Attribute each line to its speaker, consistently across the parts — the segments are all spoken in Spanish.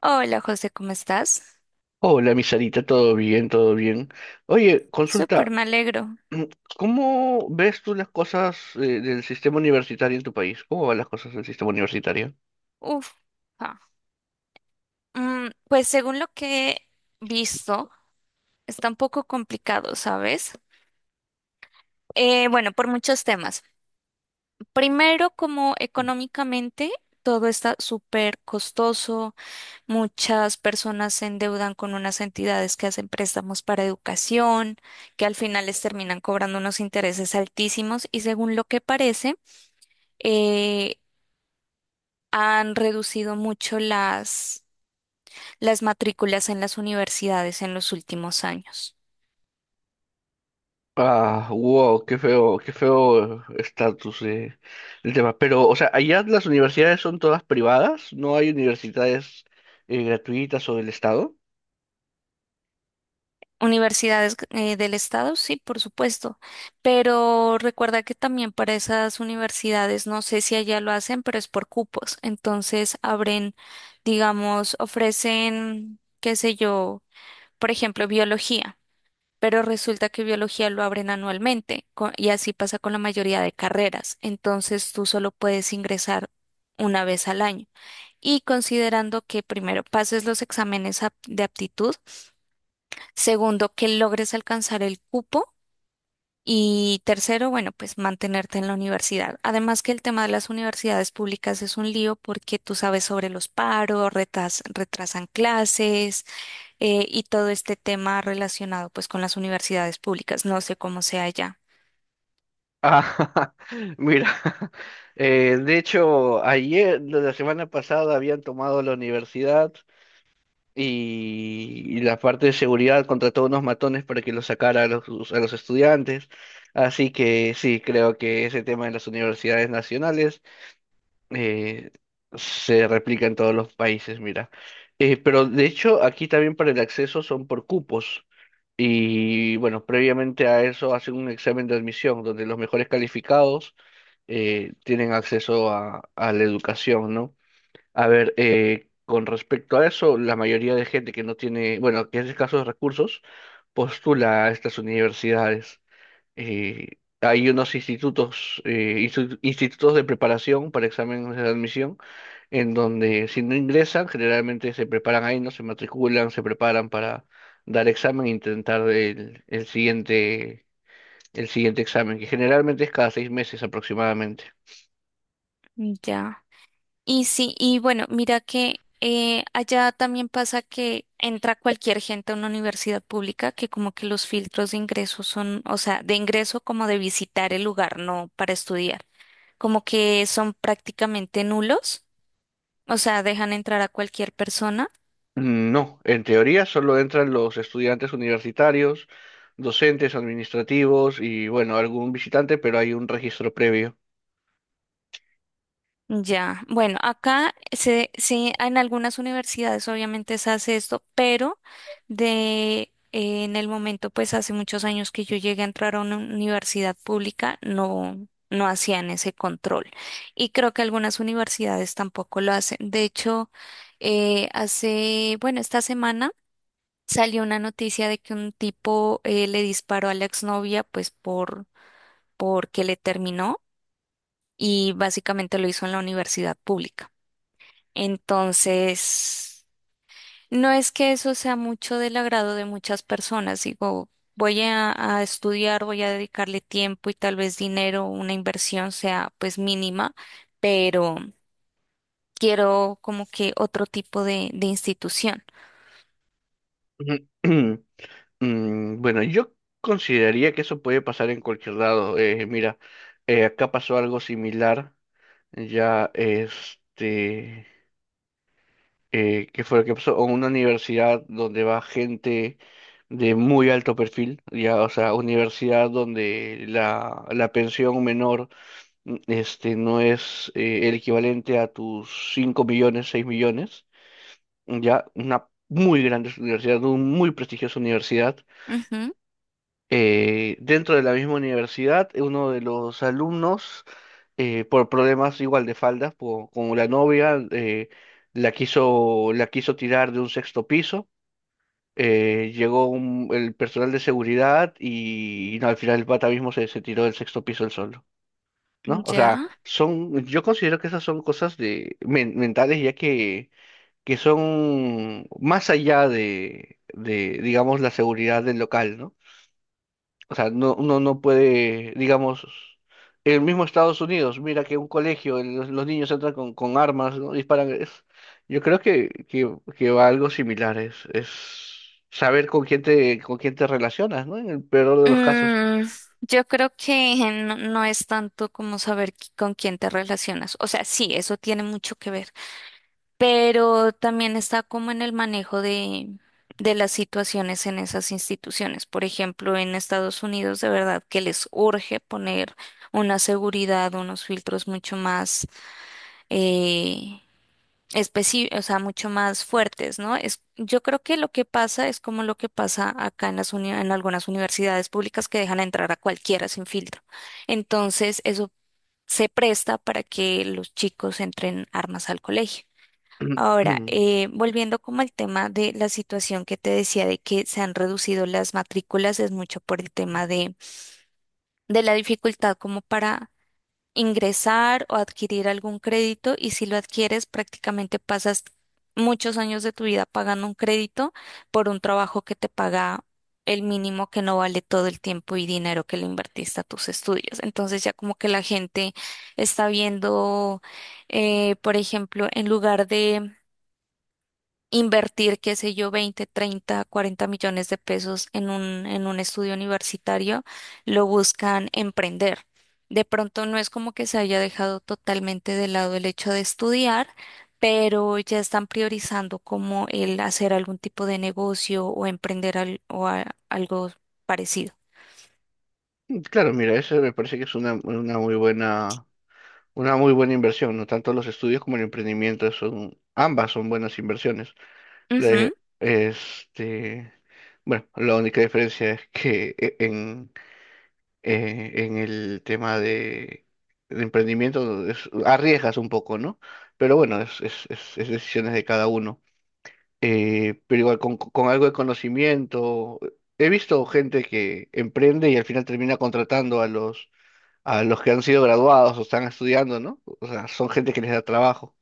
Speaker 1: Hola José, ¿cómo estás?
Speaker 2: Hola, mi Sarita, todo bien, todo bien. Oye,
Speaker 1: Súper,
Speaker 2: consulta,
Speaker 1: me alegro.
Speaker 2: mm, ¿cómo ves tú las cosas del sistema universitario en tu país? ¿Cómo van las cosas del sistema universitario?
Speaker 1: Uf. Ah. Pues según lo que he visto, está un poco complicado, ¿sabes? Bueno, por muchos temas. Primero, como económicamente, todo está súper costoso. Muchas personas se endeudan con unas entidades que hacen préstamos para educación, que al final les terminan cobrando unos intereses altísimos y según lo que parece, eh, han reducido mucho las matrículas en las universidades en los últimos años.
Speaker 2: Ah, wow, qué feo estatus del tema. Pero, o sea, allá las universidades son todas privadas, no hay universidades gratuitas o del Estado.
Speaker 1: Universidades del estado, sí, por supuesto, pero recuerda que también para esas universidades, no sé si allá lo hacen, pero es por cupos. Entonces abren, digamos, ofrecen, qué sé yo, por ejemplo, biología, pero resulta que biología lo abren anualmente y así pasa con la mayoría de carreras. Entonces tú solo puedes ingresar una vez al año. Y considerando que primero pases los exámenes de aptitud, segundo que logres alcanzar el cupo y tercero, bueno, pues mantenerte en la universidad. Además que el tema de las universidades públicas es un lío porque tú sabes sobre los paros, retrasan clases y todo este tema relacionado pues con las universidades públicas. No sé cómo sea ya.
Speaker 2: Ah, mira, de hecho, ayer, la semana pasada, habían tomado la universidad y la parte de seguridad contrató unos matones para que los sacara a los estudiantes. Así que sí, creo que ese tema en las universidades nacionales eh, se replica en todos los países, mira. Pero de hecho, aquí también para el acceso son por cupos. Y bueno, previamente a eso hacen un examen de admisión, donde los mejores calificados tienen acceso a la educación, ¿no? A ver, con respecto a eso, la mayoría de gente que no tiene, bueno, que es escaso de escasos recursos, postula a estas universidades. Eh, Hay unos institutos, institutos de preparación para exámenes de admisión en donde si no ingresan, generalmente se preparan ahí, ¿no? Se matriculan, se preparan para dar examen e intentar el siguiente examen, que generalmente es cada 6 meses aproximadamente.
Speaker 1: Ya. Y sí, y bueno, mira que allá también pasa que entra cualquier gente a una universidad pública, que como que los filtros de ingreso son, o sea, de ingreso como de visitar el lugar, no para estudiar, como que son prácticamente nulos, o sea, dejan entrar a cualquier persona.
Speaker 2: Mm, no, en teoría solo entran los estudiantes universitarios, docentes, administrativos y bueno, algún visitante, pero hay un registro previo.
Speaker 1: Ya, bueno, acá en algunas universidades obviamente se hace esto, pero de en el momento, pues hace muchos años que yo llegué a entrar a una universidad pública, no, no hacían ese control. Y creo que algunas universidades tampoco lo hacen. De hecho, bueno, esta semana salió una noticia de que un tipo le disparó a la exnovia, pues porque le terminó y básicamente lo hizo en la universidad pública. Entonces, no es que eso sea mucho del agrado de muchas personas. Digo, voy a estudiar, voy a dedicarle tiempo y tal vez dinero, una inversión sea pues mínima, pero quiero como que otro tipo de institución.
Speaker 2: Mm, bueno, yo consideraría que eso puede pasar en cualquier lado. Mira, acá pasó algo similar ya este, que fue lo que pasó, en una universidad donde va gente de muy alto perfil, ya, o sea, universidad donde la pensión menor este, no es el equivalente a tus 5 millones, 6 millones, ya, una muy grande universidad, una muy prestigiosa universidad
Speaker 1: Ujú,
Speaker 2: dentro de la misma universidad, uno de los alumnos, por problemas igual de faldas, como la novia, la quiso tirar de un sexto piso. Llegó el personal de seguridad y no, al final el pata mismo se tiró del sexto piso él solo, ¿no? O sea,
Speaker 1: ya.
Speaker 2: yo considero que esas son cosas de, mentales ya que son más allá de, digamos, la seguridad del local, ¿no? O sea, no, uno no puede, digamos, en el mismo Estados Unidos, mira que un colegio, los niños entran con armas, ¿no? Disparan. Yo creo que, va algo similar, es saber con quién te relacionas, ¿no? En el peor de los casos.
Speaker 1: Mm, yo creo que no, no es tanto como saber con quién te relacionas. O sea, sí, eso tiene mucho que ver. Pero también está como en el manejo de las situaciones en esas instituciones. Por ejemplo, en Estados Unidos, de verdad que les urge poner una seguridad, unos filtros mucho más eh, o sea, mucho más fuertes, ¿no? Es, yo creo que lo que pasa es como lo que pasa acá en las en algunas universidades públicas que dejan entrar a cualquiera sin filtro. Entonces, eso se presta para que los chicos entren armas al colegio. Ahora, volviendo como al tema de la situación que te decía de que se han reducido las matrículas, es mucho por el tema de la dificultad como para ingresar o adquirir algún crédito y si lo adquieres prácticamente pasas muchos años de tu vida pagando un crédito por un trabajo que te paga el mínimo que no vale todo el tiempo y dinero que le invertiste a tus estudios. Entonces ya como que la gente está viendo, por ejemplo, en lugar de invertir, qué sé yo, 20 30 40 millones de pesos en un estudio universitario, lo buscan emprender. De pronto no es como que se haya dejado totalmente de lado el hecho de estudiar, pero ya están priorizando como el hacer algún tipo de negocio o emprender algo parecido.
Speaker 2: Claro, mira, eso me parece que es una muy buena inversión, ¿no? Tanto los estudios como el emprendimiento ambas son buenas inversiones. Le-
Speaker 1: Ujú.
Speaker 2: este, bueno, la única diferencia es que en el tema de emprendimiento arriesgas un poco, ¿no? Pero bueno, es decisiones de cada uno. Pero igual con algo de conocimiento, he visto gente que emprende y al final termina contratando a los, que han sido graduados o están estudiando, ¿no? O sea, son gente que les da trabajo.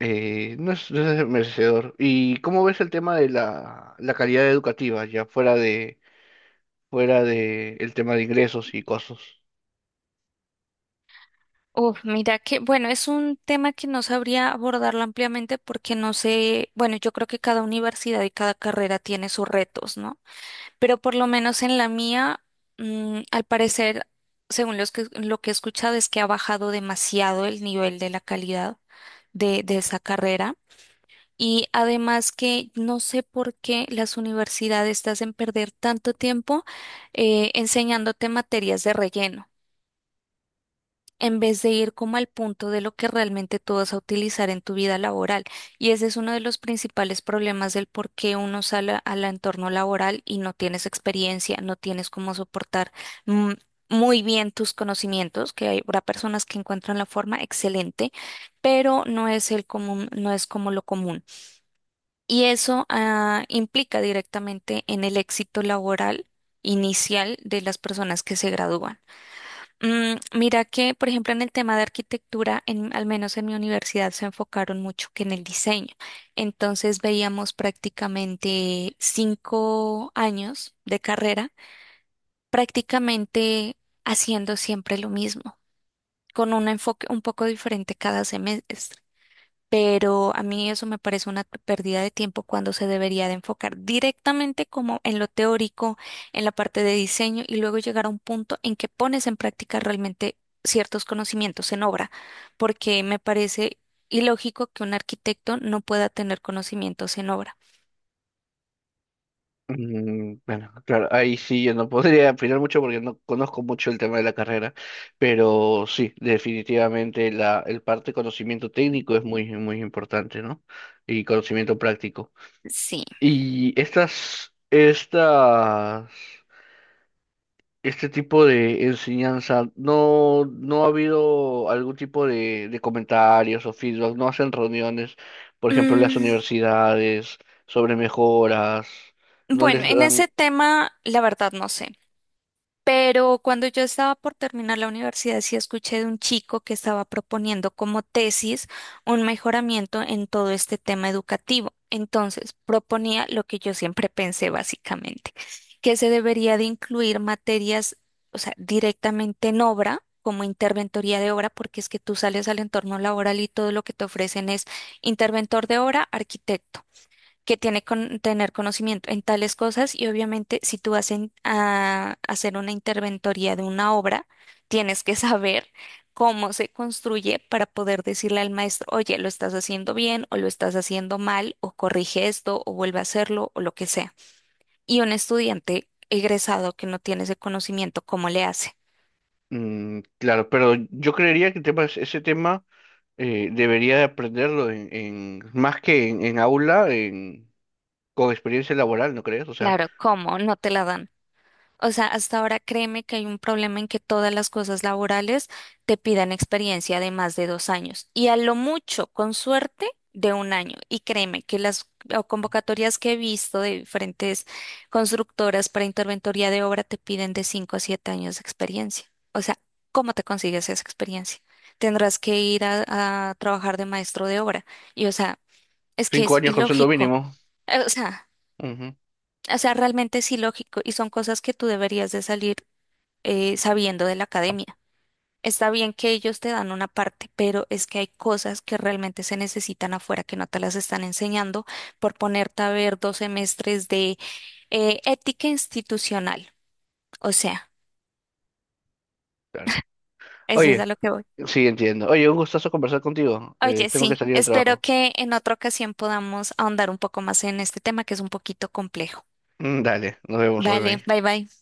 Speaker 2: No es, merecedor. ¿Y cómo ves el tema de la calidad educativa, ya fuera de el tema de ingresos y cosas?
Speaker 1: Uf, mira que, bueno, es un tema que no sabría abordarlo ampliamente porque no sé, bueno, yo creo que cada universidad y cada carrera tiene sus retos, ¿no? Pero por lo menos en la mía, al parecer, según lo que he escuchado, es que ha bajado demasiado el nivel de la calidad de esa carrera. Y además que no sé por qué las universidades te hacen perder tanto tiempo enseñándote materias de relleno en vez de ir como al punto de lo que realmente tú vas a utilizar en tu vida laboral. Y ese es uno de los principales problemas del por qué uno sale al entorno laboral y no tienes experiencia, no tienes cómo soportar mm, muy bien tus conocimientos, que habrá personas que encuentran la forma excelente, pero no es el común, no es como lo común. Y eso implica directamente en el éxito laboral inicial de las personas que se gradúan. Mira que, por ejemplo, en el tema de arquitectura, al menos en mi universidad, se enfocaron mucho que en el diseño. Entonces veíamos prácticamente 5 años de carrera, prácticamente haciendo siempre lo mismo, con un enfoque un poco diferente cada semestre. Pero a mí eso me parece una pérdida de tiempo cuando se debería de enfocar directamente como en lo teórico, en la parte de diseño y luego llegar a un punto en que pones en práctica realmente ciertos conocimientos en obra, porque me parece ilógico que un arquitecto no pueda tener conocimientos en obra.
Speaker 2: Mm, bueno, claro, ahí sí yo no podría opinar mucho porque no conozco mucho el tema de la carrera, pero sí, definitivamente el parte de conocimiento técnico es muy, muy importante, ¿no? Y conocimiento práctico.
Speaker 1: Sí.
Speaker 2: Y estas, estas este tipo de enseñanza, no ha habido algún tipo de comentarios o feedback, no hacen reuniones, por ejemplo, en las
Speaker 1: Mm,
Speaker 2: universidades, sobre mejoras, no
Speaker 1: bueno,
Speaker 2: les
Speaker 1: en
Speaker 2: dan,
Speaker 1: ese tema, la verdad no sé. Pero cuando yo estaba por terminar la universidad, sí escuché de un chico que estaba proponiendo como tesis un mejoramiento en todo este tema educativo. Entonces, proponía lo que yo siempre pensé básicamente, que se debería de incluir materias, o sea, directamente en obra, como interventoría de obra, porque es que tú sales al entorno laboral y todo lo que te ofrecen es interventor de obra, arquitecto que tiene que tener conocimiento en tales cosas y obviamente si tú vas a hacer una interventoría de una obra, tienes que saber cómo se construye para poder decirle al maestro, oye, lo estás haciendo bien o lo estás haciendo mal o corrige esto o vuelve a hacerlo o lo que sea. Y un estudiante egresado que no tiene ese conocimiento, ¿cómo le hace?
Speaker 2: mm, claro, pero yo creería que el tema, ese tema debería de aprenderlo más que en aula, con experiencia laboral, ¿no crees? O sea,
Speaker 1: Claro, ¿cómo? No te la dan. O sea, hasta ahora créeme que hay un problema en que todas las cosas laborales te pidan experiencia de más de 2 años y a lo mucho, con suerte, de un año. Y créeme que las o convocatorias que he visto de diferentes constructoras para interventoría de obra te piden de 5 a 7 años de experiencia. O sea, ¿cómo te consigues esa experiencia? Tendrás que ir a trabajar de maestro de obra. Y o sea, es que
Speaker 2: cinco
Speaker 1: es
Speaker 2: años con sueldo
Speaker 1: ilógico.
Speaker 2: mínimo.
Speaker 1: O sea,
Speaker 2: Ujú,
Speaker 1: o sea, realmente es ilógico y son cosas que tú deberías de salir sabiendo de la academia. Está bien que ellos te dan una parte, pero es que hay cosas que realmente se necesitan afuera que no te las están enseñando por ponerte a ver 2 semestres de ética institucional. O sea,
Speaker 2: claro.
Speaker 1: eso es
Speaker 2: Oye,
Speaker 1: a lo que voy.
Speaker 2: sí, entiendo. Oye, un gustazo conversar contigo.
Speaker 1: Oye,
Speaker 2: Tengo que
Speaker 1: sí,
Speaker 2: salir del
Speaker 1: espero
Speaker 2: trabajo.
Speaker 1: que en otra ocasión podamos ahondar un poco más en este tema que es un poquito complejo.
Speaker 2: Mm, dale, nos vemos, hoy
Speaker 1: Vale,
Speaker 2: bye.
Speaker 1: bye bye.